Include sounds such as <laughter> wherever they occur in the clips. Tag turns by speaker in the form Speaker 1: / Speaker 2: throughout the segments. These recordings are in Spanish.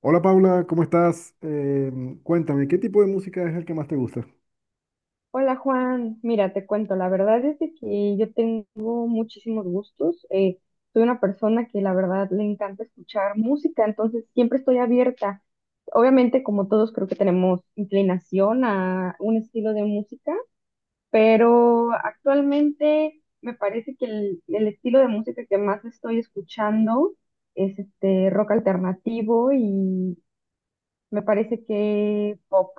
Speaker 1: Hola Paula, ¿cómo estás? Cuéntame, ¿qué tipo de música es el que más te gusta?
Speaker 2: Hola Juan, mira, te cuento, la verdad es de que yo tengo muchísimos gustos. Soy una persona que la verdad le encanta escuchar música, entonces siempre estoy abierta. Obviamente, como todos, creo que tenemos inclinación a un estilo de música, pero actualmente me parece que el estilo de música que más estoy escuchando es este rock alternativo y me parece que pop.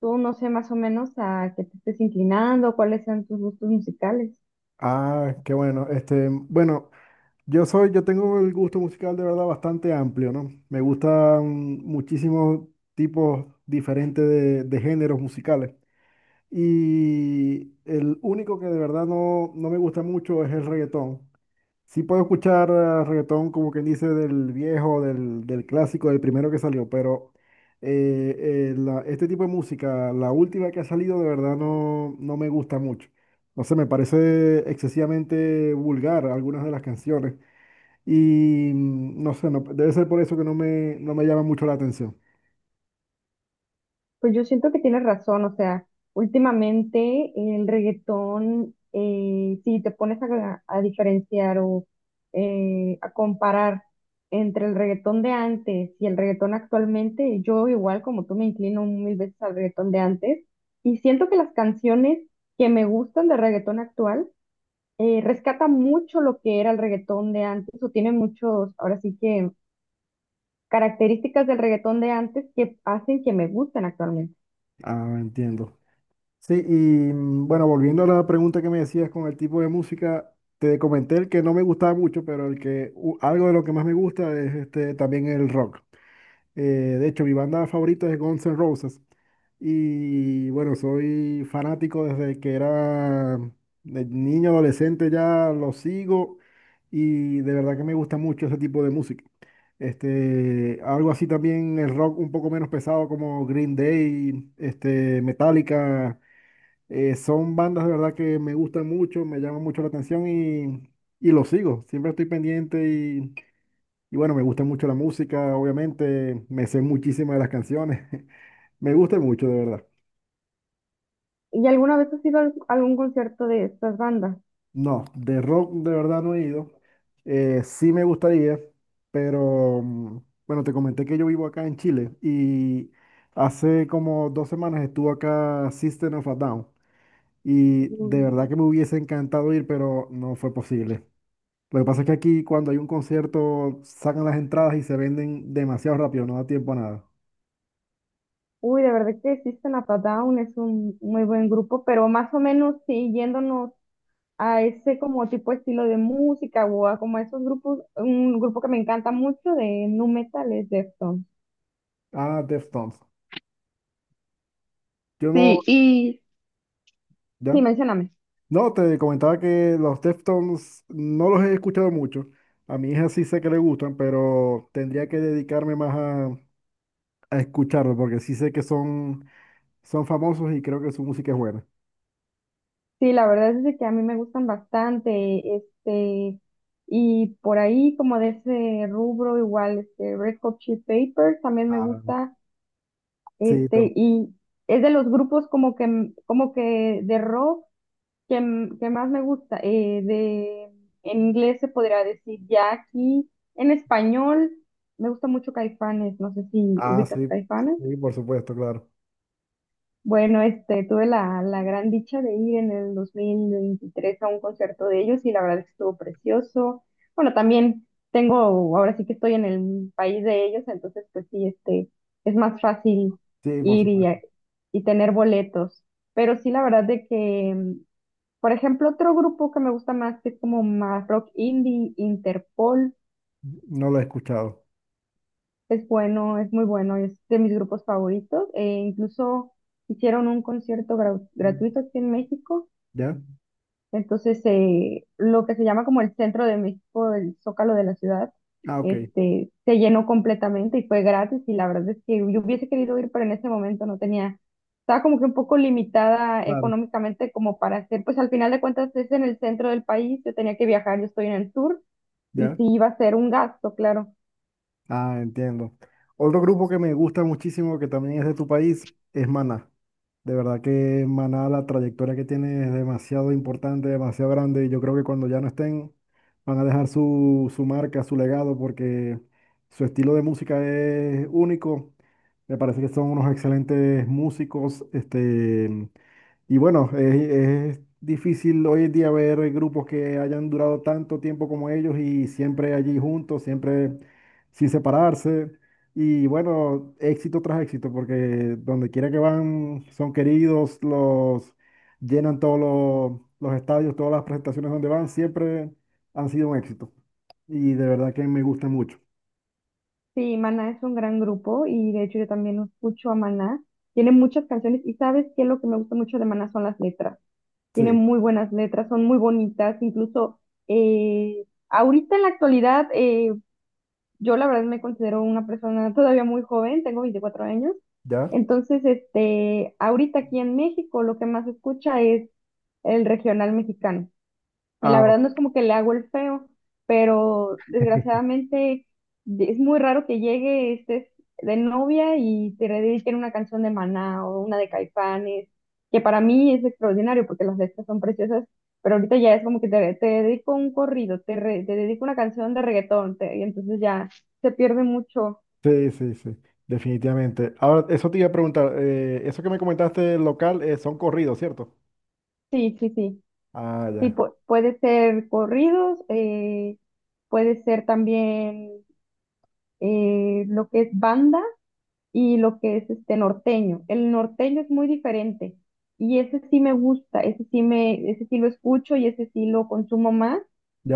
Speaker 2: Tú no sé más o menos a qué te estés inclinando, cuáles sean tus gustos musicales.
Speaker 1: Ah, qué bueno. Este, bueno, yo tengo el gusto musical de verdad bastante amplio, ¿no? Me gustan muchísimos tipos diferentes de géneros musicales. Y el único que de verdad no me gusta mucho es el reggaetón. Sí puedo escuchar reggaetón, como quien dice, del viejo, del clásico, del primero que salió, pero este tipo de música, la última que ha salido, de verdad no me gusta mucho. No sé, me parece excesivamente vulgar algunas de las canciones y no sé, debe ser por eso que no me llama mucho la atención.
Speaker 2: Pues yo siento que tienes razón, o sea, últimamente el reggaetón, si te pones a diferenciar o a comparar entre el reggaetón de antes y el reggaetón actualmente, yo igual como tú me inclino mil veces al reggaetón de antes y siento que las canciones que me gustan de reggaetón actual rescatan mucho lo que era el reggaetón de antes o tiene muchos, ahora sí que características del reggaetón de antes que hacen que me gusten actualmente.
Speaker 1: Ah, entiendo. Sí, y bueno, volviendo a la pregunta que me decías con el tipo de música, te comenté el que no me gustaba mucho, pero el que algo de lo que más me gusta es este, también el rock. De hecho, mi banda favorita es Guns N' Roses. Y bueno, soy fanático desde que era de niño, adolescente, ya lo sigo y de verdad que me gusta mucho ese tipo de música. Este, algo así también el rock un poco menos pesado como Green Day, este, Metallica. Son bandas de verdad que me gustan mucho, me llaman mucho la atención y lo sigo. Siempre estoy pendiente y bueno, me gusta mucho la música, obviamente, me sé muchísimas de las canciones. <laughs> Me gusta mucho, de verdad.
Speaker 2: ¿Y alguna vez has ido a algún concierto de estas bandas?
Speaker 1: No, de rock de verdad no he ido. Sí me gustaría, pero bueno, te comenté que yo vivo acá en Chile y hace como dos semanas estuvo acá System of a Down y de verdad que
Speaker 2: Mm,
Speaker 1: me hubiese encantado ir, pero no fue posible. Lo que pasa es que aquí cuando hay un concierto sacan las entradas y se venden demasiado rápido, no da tiempo a nada.
Speaker 2: Uy, de verdad que existen a Down, es un muy buen grupo, pero más o menos sí, yéndonos a ese como tipo de estilo de música o a como esos grupos, un grupo que me encanta mucho de nu metal es Deftones.
Speaker 1: Ah, Deftones. Yo no,
Speaker 2: Sí, y
Speaker 1: ya.
Speaker 2: sí, mencióname.
Speaker 1: No, te comentaba que los Deftones no los he escuchado mucho. A mi hija sí sé que le gustan, pero tendría que dedicarme más a escucharlos porque sí sé que son, son famosos y creo que su música es buena.
Speaker 2: Sí, la verdad es de que a mí me gustan bastante, este, y por ahí como de ese rubro igual, este, Red Hot Chili Peppers también me
Speaker 1: Ah,
Speaker 2: gusta,
Speaker 1: sí,
Speaker 2: este, y es de los grupos como que, como que de rock que, que más me gusta, en inglés se podría decir ya aquí, en español me gusta mucho Caifanes, no sé si
Speaker 1: ah,
Speaker 2: ubicas a
Speaker 1: sí,
Speaker 2: Caifanes.
Speaker 1: sí, por supuesto, claro.
Speaker 2: Bueno, este, tuve la gran dicha de ir en el 2023 a un concierto de ellos y la verdad es que estuvo precioso. Bueno, también tengo, ahora sí que estoy en el país de ellos, entonces pues sí, este, es más fácil
Speaker 1: Sí, por
Speaker 2: ir y,
Speaker 1: supuesto.
Speaker 2: y tener boletos. Pero sí, la verdad de que, por ejemplo, otro grupo que me gusta más, que es como más rock indie, Interpol,
Speaker 1: No lo he escuchado.
Speaker 2: es bueno, es muy bueno, es de mis grupos favoritos. E incluso hicieron un concierto gratuito aquí en México.
Speaker 1: ¿Ya?
Speaker 2: Entonces, lo que se llama como el centro de México, el Zócalo de la ciudad,
Speaker 1: Ah, ok,
Speaker 2: este, se llenó completamente y fue gratis. Y la verdad es que yo hubiese querido ir, pero en ese momento no tenía, estaba como que un poco limitada
Speaker 1: claro,
Speaker 2: económicamente como para hacer, pues al final de cuentas es en el centro del país, yo tenía que viajar, yo estoy en el sur y
Speaker 1: ya.
Speaker 2: sí iba a ser un gasto, claro.
Speaker 1: Ah, entiendo. Otro grupo que me gusta muchísimo, que también es de tu país, es Maná. De verdad que Maná, la trayectoria que tiene es demasiado importante, demasiado grande, y yo creo que cuando ya no estén, van a dejar su marca, su legado, porque su estilo de música es único. Me parece que son unos excelentes músicos, este, y bueno, es difícil hoy en día ver grupos que hayan durado tanto tiempo como ellos y siempre allí juntos, siempre sin separarse. Y bueno, éxito tras éxito, porque donde quiera que van son queridos, los llenan todos los estadios, todas las presentaciones donde van, siempre han sido un éxito. Y de verdad que me gusta mucho.
Speaker 2: Sí, Maná es un gran grupo y de hecho yo también escucho a Maná. Tiene muchas canciones y ¿sabes qué? Lo que me gusta mucho de Maná son las letras. Tiene
Speaker 1: Sí,
Speaker 2: muy buenas letras, son muy bonitas, incluso ahorita en la actualidad, yo la verdad me considero una persona todavía muy joven, tengo 24 años,
Speaker 1: ¿ya?
Speaker 2: entonces, este, ahorita aquí en México lo que más se escucha es el regional mexicano. Y la
Speaker 1: Ah,
Speaker 2: verdad no es como que le hago el feo, pero
Speaker 1: <laughs>
Speaker 2: desgraciadamente es muy raro que llegue, estés de novia y te dediquen una canción de Maná o una de Caifanes, que para mí es extraordinario porque las letras son preciosas, pero ahorita ya es como que te dedico un corrido, te dedico una canción de reggaetón, y entonces ya se pierde mucho.
Speaker 1: sí, sí, sí, definitivamente. Ahora, eso te iba a preguntar, eso que me comentaste local, son corridos, ¿cierto?
Speaker 2: Sí, sí, sí.
Speaker 1: Ah,
Speaker 2: Sí,
Speaker 1: ya.
Speaker 2: puede ser corridos, puede ser también lo que es banda y lo que es este norteño. El norteño es muy diferente y ese sí me gusta, ese sí me, ese sí lo escucho y ese sí lo consumo más.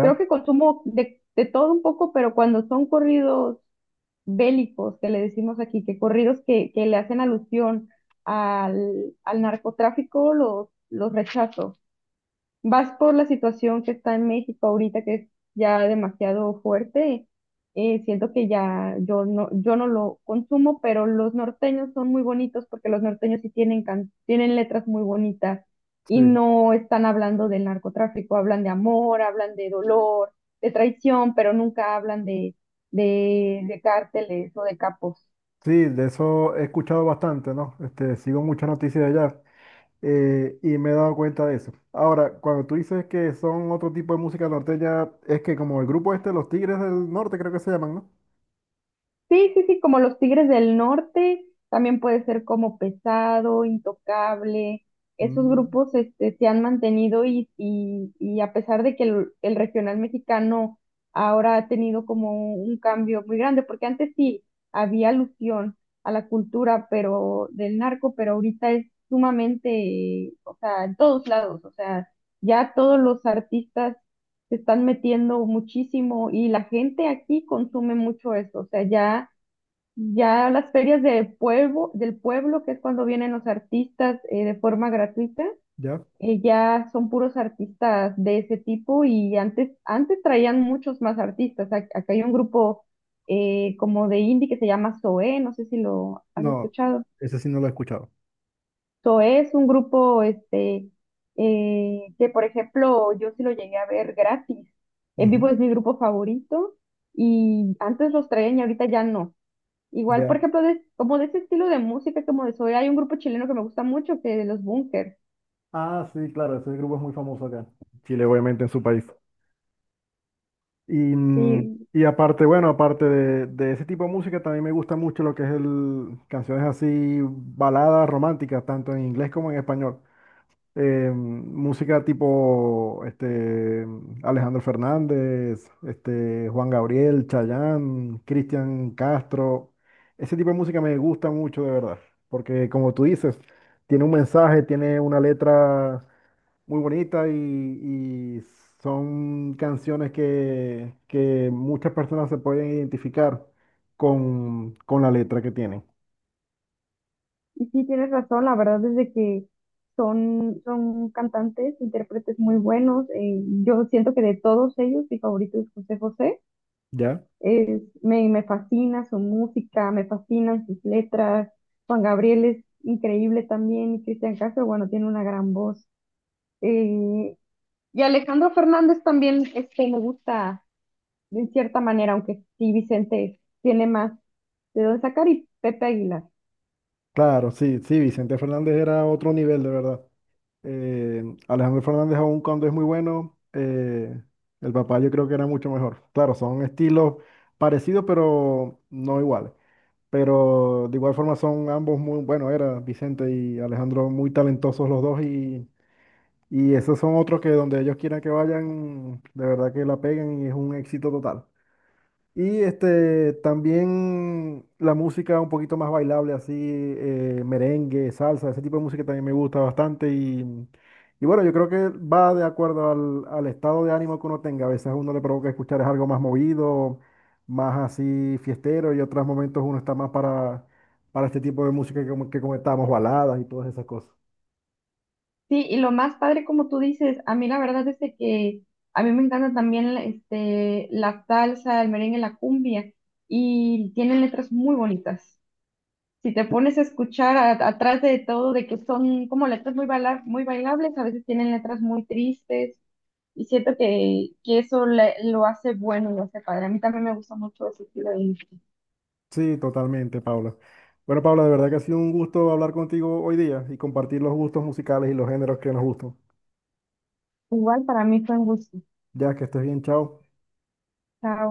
Speaker 2: Creo que consumo de todo un poco, pero cuando son corridos bélicos, que le decimos aquí, que corridos que le hacen alusión al narcotráfico, los rechazo vas por la situación que está en México ahorita, que es ya demasiado fuerte. Siento que ya yo no, yo no lo consumo, pero los norteños son muy bonitos porque los norteños sí tienen, tienen letras muy bonitas y
Speaker 1: Sí.
Speaker 2: no están hablando del narcotráfico, hablan de amor, hablan de dolor, de traición, pero nunca hablan de cárteles o de capos.
Speaker 1: Sí, de eso he escuchado bastante, ¿no? Este, sigo muchas noticias de allá. Eh, y me he dado cuenta de eso. Ahora, cuando tú dices que son otro tipo de música norteña, es que como el grupo este, Los Tigres del Norte, creo que se llaman, ¿no?
Speaker 2: Sí, sí, sí, como los Tigres del Norte, también puede ser como Pesado, Intocable. Esos
Speaker 1: Mm,
Speaker 2: grupos este, se han mantenido y a pesar de que el regional mexicano ahora ha tenido como un cambio muy grande, porque antes sí había alusión a la cultura pero del narco, pero ahorita es sumamente, o sea, en todos lados, o sea, ya todos los artistas se están metiendo muchísimo y la gente aquí consume mucho eso, o sea, ya ya las ferias de pueblo, del pueblo, que es cuando vienen los artistas de forma gratuita,
Speaker 1: ¿ya?
Speaker 2: ya son puros artistas de ese tipo y antes, antes traían muchos más artistas. Acá hay un grupo como de indie que se llama Zoé, no sé si lo has
Speaker 1: No,
Speaker 2: escuchado.
Speaker 1: ese sí no lo he escuchado.
Speaker 2: Zoé es un grupo este, que, por ejemplo, yo sí lo llegué a ver gratis. En vivo
Speaker 1: Ujú,
Speaker 2: es mi grupo favorito y antes los traían y ahorita ya no. Igual, por
Speaker 1: ya.
Speaker 2: ejemplo, como de ese estilo de música, como de soy, hay un grupo chileno que me gusta mucho, que de los Bunkers.
Speaker 1: Ah, sí, claro, ese grupo es muy famoso acá. Chile, obviamente, en su país. Y, mm,
Speaker 2: Sí,
Speaker 1: y aparte, bueno, aparte de ese tipo de música, también me gusta mucho lo que es el canciones así, baladas románticas, tanto en inglés como en español. Eh, música tipo este, Alejandro Fernández, este, Juan Gabriel, Chayanne, Cristian Castro. Ese tipo de música me gusta mucho, de verdad, porque como tú dices, tiene un mensaje, tiene una letra muy bonita y son canciones que muchas personas se pueden identificar con la letra que tienen.
Speaker 2: y sí tienes razón, la verdad es de que son, son cantantes, intérpretes muy buenos. Yo siento que de todos ellos, mi favorito es José José.
Speaker 1: ¿Ya?
Speaker 2: Me, me fascina su música, me fascinan sus letras. Juan Gabriel es increíble también, y Cristian Castro, bueno, tiene una gran voz. Eh, y Alejandro Fernández también, este, me gusta. De cierta manera, aunque sí Vicente tiene más de dónde sacar y Pepe Aguilar.
Speaker 1: Claro, sí, sí, Vicente Fernández era otro nivel, de verdad. Eh, Alejandro Fernández aún cuando es muy bueno, el papá yo creo que era mucho mejor. Claro, son estilos parecidos, pero no iguales. Pero de igual forma son ambos muy, bueno, era Vicente y Alejandro muy talentosos los dos y esos son otros que donde ellos quieran que vayan, de verdad que la peguen y es un éxito total. Y este, también la música un poquito más bailable, así, merengue, salsa, ese tipo de música también me gusta bastante. Y bueno, yo creo que va de acuerdo al estado de ánimo que uno tenga. A veces a uno le provoca escuchar es algo más movido, más así fiestero, y otros momentos uno está más para este tipo de música que, que comentamos, baladas y todas esas cosas.
Speaker 2: Sí, y lo más padre, como tú dices, a mí la verdad es de que a mí me encanta también este, la salsa, el merengue, la cumbia, y tienen letras muy bonitas. Si te pones a escuchar atrás de todo, de que son como letras muy, muy bailables, a veces tienen letras muy tristes, y siento que eso lo hace bueno, lo hace padre. A mí también me gusta mucho ese estilo de música.
Speaker 1: Sí, totalmente, Paula. Bueno, Paula, de verdad que ha sido un gusto hablar contigo hoy día y compartir los gustos musicales y los géneros que nos gustan.
Speaker 2: Igual para mí fue un gusto.
Speaker 1: Ya, que estés bien, chao.
Speaker 2: Chao.